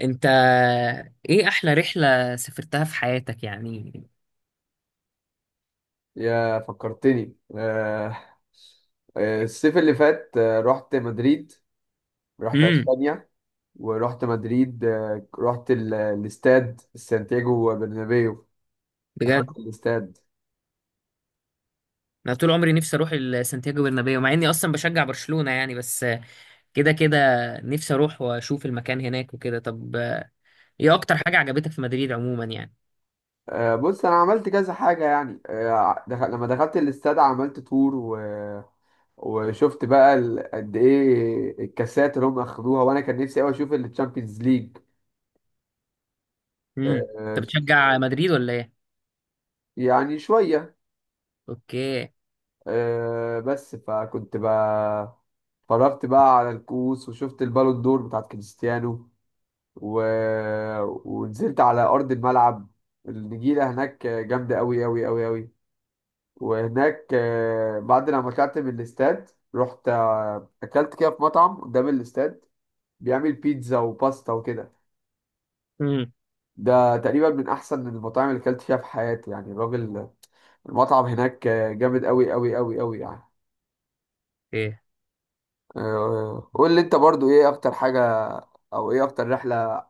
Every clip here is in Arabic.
انت، ايه احلى رحلة سافرتها في حياتك يعني؟ يا فكرتني، الصيف اللي فات رحت مدريد. رحت امم. اسبانيا ورحت مدريد. رحت الاستاد سانتياغو برنابيو. بجد؟ دخلت الاستاد. انا طول عمري نفسي اروح سانتياغو برنابيو، مع اني اصلا بشجع برشلونة يعني، بس كده كده نفسي اروح واشوف المكان هناك وكده. طب ايه اكتر حاجة عجبتك في مدريد عموما يعني؟ بص انا عملت كذا حاجه يعني. لما دخلت الاستاد عملت تور وشفت بقى قد ايه الكاسات اللي هم اخدوها، وانا كان نفسي قوي اشوف التشامبيونز ليج. امم. انت آه، بتشجع مدريد ولا ايه؟ يعني شويه. اوكي. بس فكنت بقى اتفرجت بقى على الكؤوس وشفت البالون دور بتاعت كريستيانو و... ونزلت على أرض الملعب. النجيلة هناك جامدة أوي أوي أوي أوي. وهناك، بعد لما طلعت من الاستاد رحت أكلت كده في مطعم قدام الاستاد بيعمل بيتزا وباستا وكده. امم. ده تقريبا من أحسن المطاعم اللي أكلت فيها في حياتي، يعني الراجل. المطعم هناك جامد أوي أوي أوي أوي يعني. ايه؟ قول لي انت برضو ايه اكتر حاجة، او ايه اكتر رحلة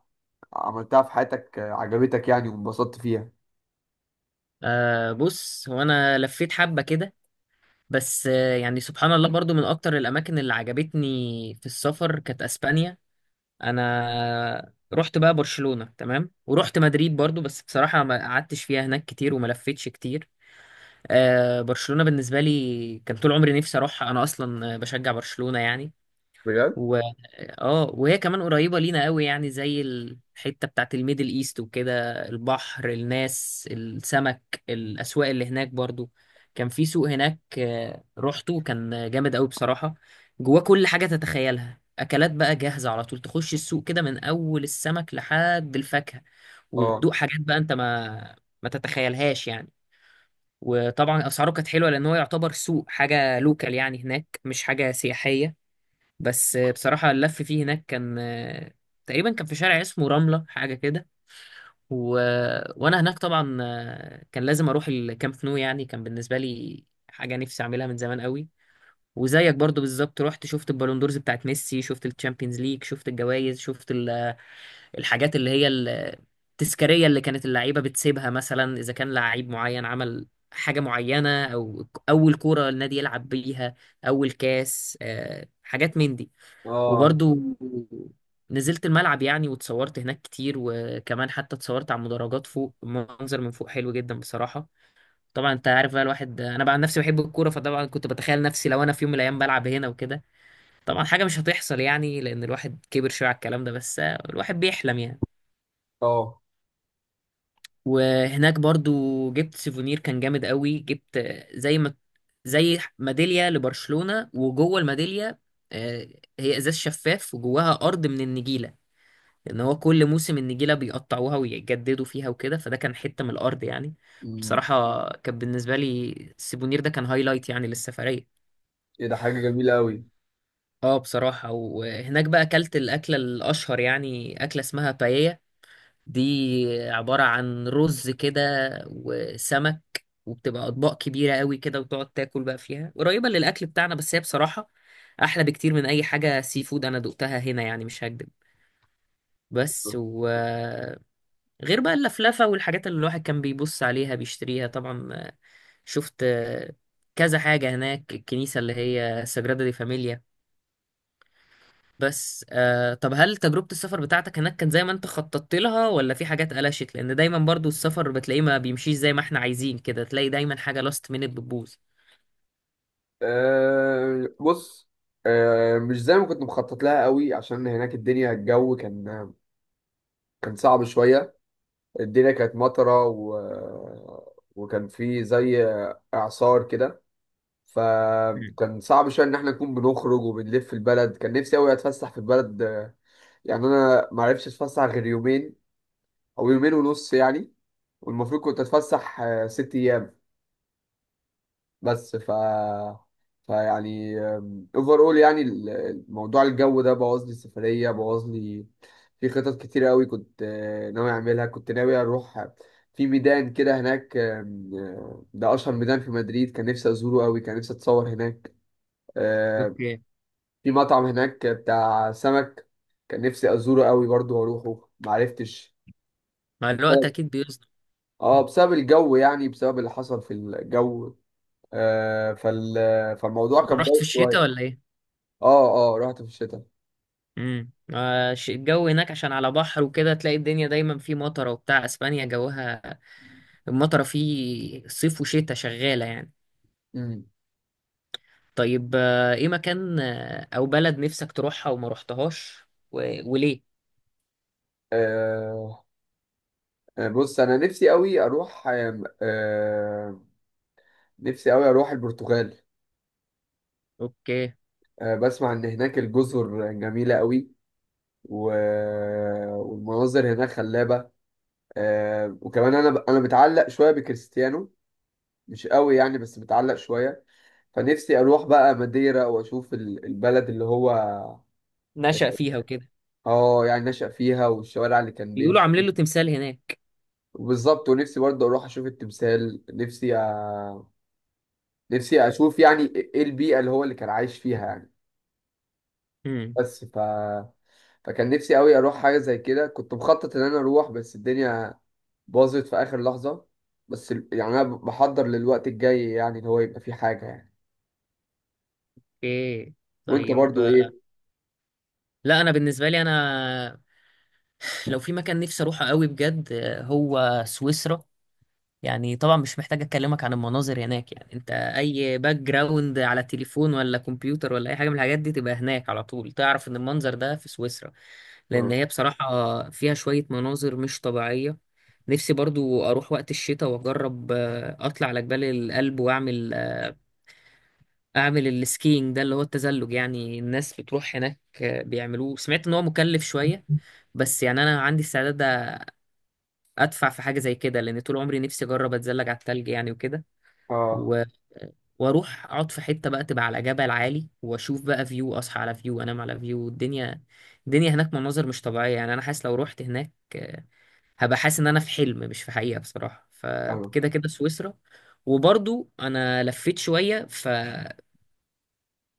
عملتها في حياتك عجبتك يعني وانبسطت فيها؟ آه، بص هو انا لفيت حبة كده، بس يعني سبحان الله، برضو من اكتر الاماكن اللي عجبتني في السفر كانت اسبانيا. انا رحت بقى برشلونة، تمام، ورحت مدريد برضو، بس بصراحة ما قعدتش فيها هناك كتير وما لفتش كتير. آه، برشلونة بالنسبة لي كان طول عمري نفسي اروحها، انا اصلا بشجع برشلونة يعني. بجد. اه، وهي كمان قريبة لينا قوي، يعني زي الحتة بتاعت الميدل ايست وكده، البحر، الناس، السمك، الأسواق اللي هناك برضو. كان في سوق هناك روحته، كان جامد قوي بصراحة. جواه كل حاجة تتخيلها، أكلات بقى جاهزة على طول، تخش السوق كده من أول السمك لحد الفاكهة اه، وتدوق حاجات بقى أنت ما تتخيلهاش يعني. وطبعا أسعاره كانت حلوة، لأن هو يعتبر سوق حاجة لوكال يعني، هناك مش حاجة سياحية. بس بصراحة اللف فيه هناك كان تقريبا كان في شارع اسمه رملة حاجة كده. و... وأنا هناك طبعا كان لازم أروح الكامب نو، يعني كان بالنسبة لي حاجة نفسي أعملها من زمان قوي. وزيك برضو بالظبط، رحت شفت البالون دورز بتاعت ميسي، شفت الشامبيونز ليج، شفت الجوائز، شفت الحاجات اللي هي التذكارية، اللي كانت اللعيبة بتسيبها، مثلا إذا كان لعيب معين عمل حاجة معينة، أو أول كورة النادي يلعب بيها، أول كاس، حاجات من دي. اه، وبرضو نزلت الملعب يعني، واتصورت هناك كتير، وكمان حتى اتصورت على المدرجات فوق، منظر من فوق حلو جدا بصراحة. طبعا انت عارف بقى، الواحد، انا بقى عن نفسي بحب الكورة، فطبعا كنت بتخيل نفسي لو انا في يوم من الايام بلعب هنا وكده. طبعا حاجة مش هتحصل يعني، لان الواحد كبر شوية على الكلام ده، بس الواحد بيحلم يعني. اه. وهناك برضو جبت سيفونير كان جامد قوي، جبت زي ما زي ميدالية لبرشلونة، وجوه الميدالية آه، هي ازاز شفاف وجواها ارض من النجيلة، لان هو كل موسم النجيله بيقطعوها ويجددوا فيها وكده، فده كان حته من الارض يعني. أمم. بصراحه كان بالنسبه لي السيبونير ده كان هايلايت يعني للسفريه. ايه ده، حاجه جميله قوي. اه بصراحه. وهناك بقى اكلت الاكله الاشهر، يعني اكله اسمها باييا، دي عباره عن رز كده وسمك، وبتبقى اطباق كبيره قوي كده وتقعد تاكل بقى فيها، قريبه للاكل بتاعنا، بس هي بصراحه احلى بكتير من اي حاجه سي فود انا دقتها هنا يعني، مش هكدب. بس غير بقى اللفلفة والحاجات اللي الواحد كان بيبص عليها بيشتريها طبعا، شفت كذا حاجة هناك، الكنيسة اللي هي ساجرادا دي فاميليا. بس آه، طب هل تجربة السفر بتاعتك هناك كانت زي ما انت خططت لها، ولا في حاجات قلشت؟ لأن دايما برضو السفر بتلاقيه ما بيمشيش زي ما احنا عايزين، كده تلاقي دايما حاجة لاست مينت بتبوظ. أه بص. أه، مش زي ما كنت مخطط لها قوي، عشان هناك الدنيا الجو كان صعب شويه. الدنيا كانت مطره و وكان في زي اعصار كده. مم. فكان صعب شويه ان احنا نكون بنخرج وبنلف في البلد. كان نفسي قوي اتفسح في البلد. يعني انا ما عرفتش اتفسح غير يومين، او يومين ونص يعني. والمفروض كنت اتفسح 6 ايام. بس فيعني اوفر اول، يعني الموضوع الجو ده بوظ لي السفريه، بوظ لي في خطط كتير قوي. كنت ناوي اعملها، كنت ناوي اروح في ميدان كده هناك، آم، آه، ده اشهر ميدان في مدريد، كان نفسي ازوره قوي، كان نفسي اتصور هناك. آه، اوكي. في مطعم هناك بتاع سمك كان نفسي ازوره قوي برضو واروحه، معرفتش. مع الوقت بسبب اكيد بيظبط. اه بسبب الجو، يعني بسبب اللي حصل في الجو. آه فال... فالموضوع كان رحت في بايظ الشتاء شويه. ولا ايه؟ اه، اه، رحت في الشتاء. امم. الجو هناك عشان على بحر وكده، تلاقي الدنيا دايما في مطره وبتاع، اسبانيا جوها المطرة فيه صيف وشتاء شغالة يعني. امم. طيب ايه مكان او بلد نفسك تروحها وما رحتهاش و... وليه؟ آه بص انا نفسي قوي اروح البرتغال. اوكي. بسمع ان هناك الجزر جميله قوي و... والمناظر هناك خلابه. وكمان انا متعلق شويه بكريستيانو، مش قوي يعني بس متعلق شوية. فنفسي أروح بقى ماديرا وأشوف البلد اللي هو نشأ فيها وكده. يعني نشأ فيها، والشوارع اللي كان بيقولوا بيمشي عاملين له فيها. تمثال هناك. بالظبط، ونفسي برضه أروح أشوف التمثال، نفسي أشوف يعني إيه البيئة اللي هو اللي كان عايش فيها يعني. امم. بس ف فكان نفسي قوي أروح حاجة زي كده، كنت مخطط إن أنا أروح بس الدنيا باظت في آخر لحظة. بس يعني أنا بحضر للوقت الجاي، يعني اللي هو يبقى فيه حاجة يعني. اوكي. وأنت طيب برضه إيه؟ آه، لا انا بالنسبة لي، انا لو في مكان نفسي اروحه قوي بجد هو سويسرا. يعني طبعا مش محتاج اكلمك عن المناظر هناك، يعني انت اي باك جراوند على تليفون ولا كمبيوتر ولا اي حاجه من الحاجات دي تبقى هناك، على طول تعرف ان المنظر ده في سويسرا، لان اه. هي بصراحه فيها شويه مناظر مش طبيعيه. نفسي برضو اروح وقت الشتاء واجرب اطلع على جبال الألب واعمل اعمل السكينج ده، اللي هو التزلج يعني، الناس بتروح هناك بيعملوه. سمعت ان هو مكلف شويه، بس يعني انا عندي استعداد ادفع في حاجه زي كده، لان طول عمري نفسي اجرب اتزلج على التلج يعني وكده. آه. و... واروح اقعد في حته بقى تبقى على جبل عالي، واشوف بقى فيو، اصحى على فيو، انام على فيو. الدنيا، الدنيا هناك مناظر مش طبيعيه يعني، انا حاسس لو رحت هناك هبقى حاسس ان انا في حلم مش في حقيقه بصراحه، فكده فاهمك. كده سويسرا. وبرضو انا لفيت شويه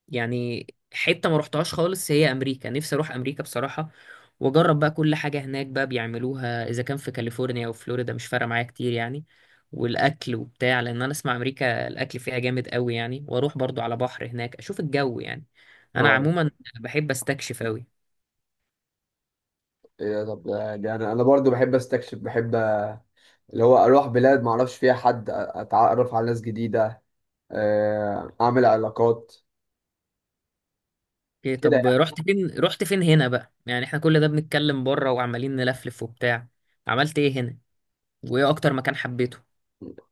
يعني حتة ما روحتهاش خالص هي أمريكا، نفسي أروح أمريكا بصراحة، وأجرب بقى كل حاجة هناك بقى بيعملوها، إذا كان في كاليفورنيا أو فلوريدا مش فارقة معايا كتير يعني، والأكل وبتاع، لأن أنا أسمع أمريكا الأكل فيها جامد قوي يعني، وأروح برضو على بحر هناك أشوف الجو يعني. أنا اه، عموما بحب أستكشف قوي. ايه ده؟ طب، ده انا برضو بحب استكشف، بحب اللي هو اروح بلاد ما اعرفش فيها حد، اتعرف على ناس جديده، اعمل علاقات إيه؟ كده طب يعني. رحت فين؟ رحت فين هنا بقى يعني، إحنا كل ده بنتكلم بره وعمالين نلفلف وبتاع؟ عملت إيه هنا وإيه أكتر مكان حبيته؟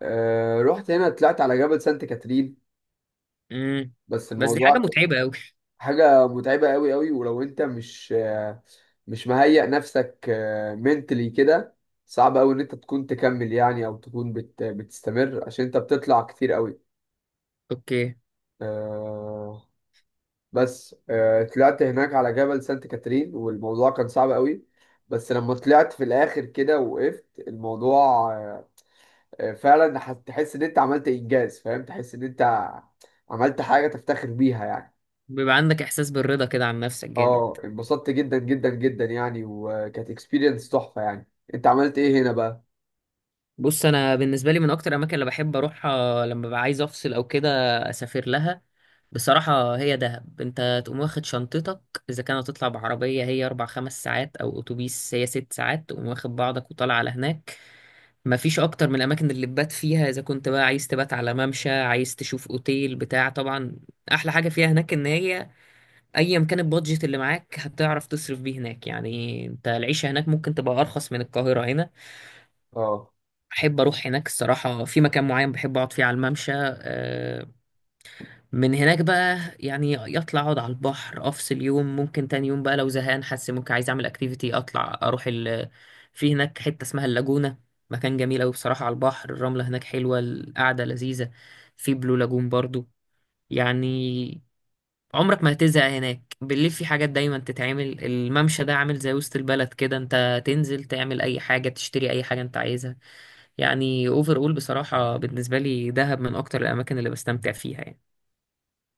رحت هنا، طلعت على جبل سانت كاترين، امم. بس بس دي الموضوع حاجة متعبة قوي. حاجه متعبه قوي قوي. ولو انت مش مهيئ نفسك منتلي كده، صعب قوي ان انت تكون تكمل يعني، او تكون بتستمر عشان انت بتطلع كتير قوي. أوكي. بس طلعت هناك على جبل سانت كاترين والموضوع كان صعب قوي، بس لما طلعت في الاخر كده وقفت الموضوع، آه، فعلا تحس ان انت عملت انجاز، فاهم؟ تحس ان انت عملت حاجة تفتخر بيها يعني. بيبقى عندك احساس بالرضا كده عن نفسك جامد. اه، انبسطت جدا جدا جدا يعني، وكانت اكسبيرينس تحفة يعني. انت عملت ايه هنا بقى؟ بص انا بالنسبه لي من اكتر الاماكن اللي بحب اروحها لما ببقى عايز افصل او كده اسافر لها بصراحه هي دهب. انت تقوم واخد شنطتك، اذا كانت هتطلع بعربيه هي 4 5 ساعات او اتوبيس هي 6 ساعات، تقوم واخد بعضك وطالع على هناك. مفيش اكتر من الاماكن اللي تبات فيها، اذا كنت بقى عايز تبات على ممشى، عايز تشوف اوتيل بتاع طبعا. احلى حاجه فيها هناك ان هي ايا كان البادجت اللي معاك هتعرف تصرف بيه هناك، يعني انت العيشه هناك ممكن تبقى ارخص من القاهره هنا. اه. احب اروح هناك الصراحه في مكان معين بحب اقعد فيه على الممشى، من هناك بقى يعني يطلع، اقعد على البحر، افصل يوم، ممكن تاني يوم بقى لو زهقان حاسس ممكن عايز اعمل اكتيفيتي، اطلع اروح في هناك حته اسمها اللاجونه، مكان جميل قوي بصراحه، على البحر، الرمله هناك حلوه، القعده لذيذه. في بلو لاجون برضو يعني، عمرك ما هتزهق هناك، بالليل في حاجات دايما تتعمل، الممشى ده عامل زي وسط البلد كده، انت تنزل تعمل اي حاجة، تشتري اي حاجة انت عايزها يعني. اوفر اول بصراحة بالنسبة لي دهب من اكتر الاماكن اللي بستمتع فيها يعني.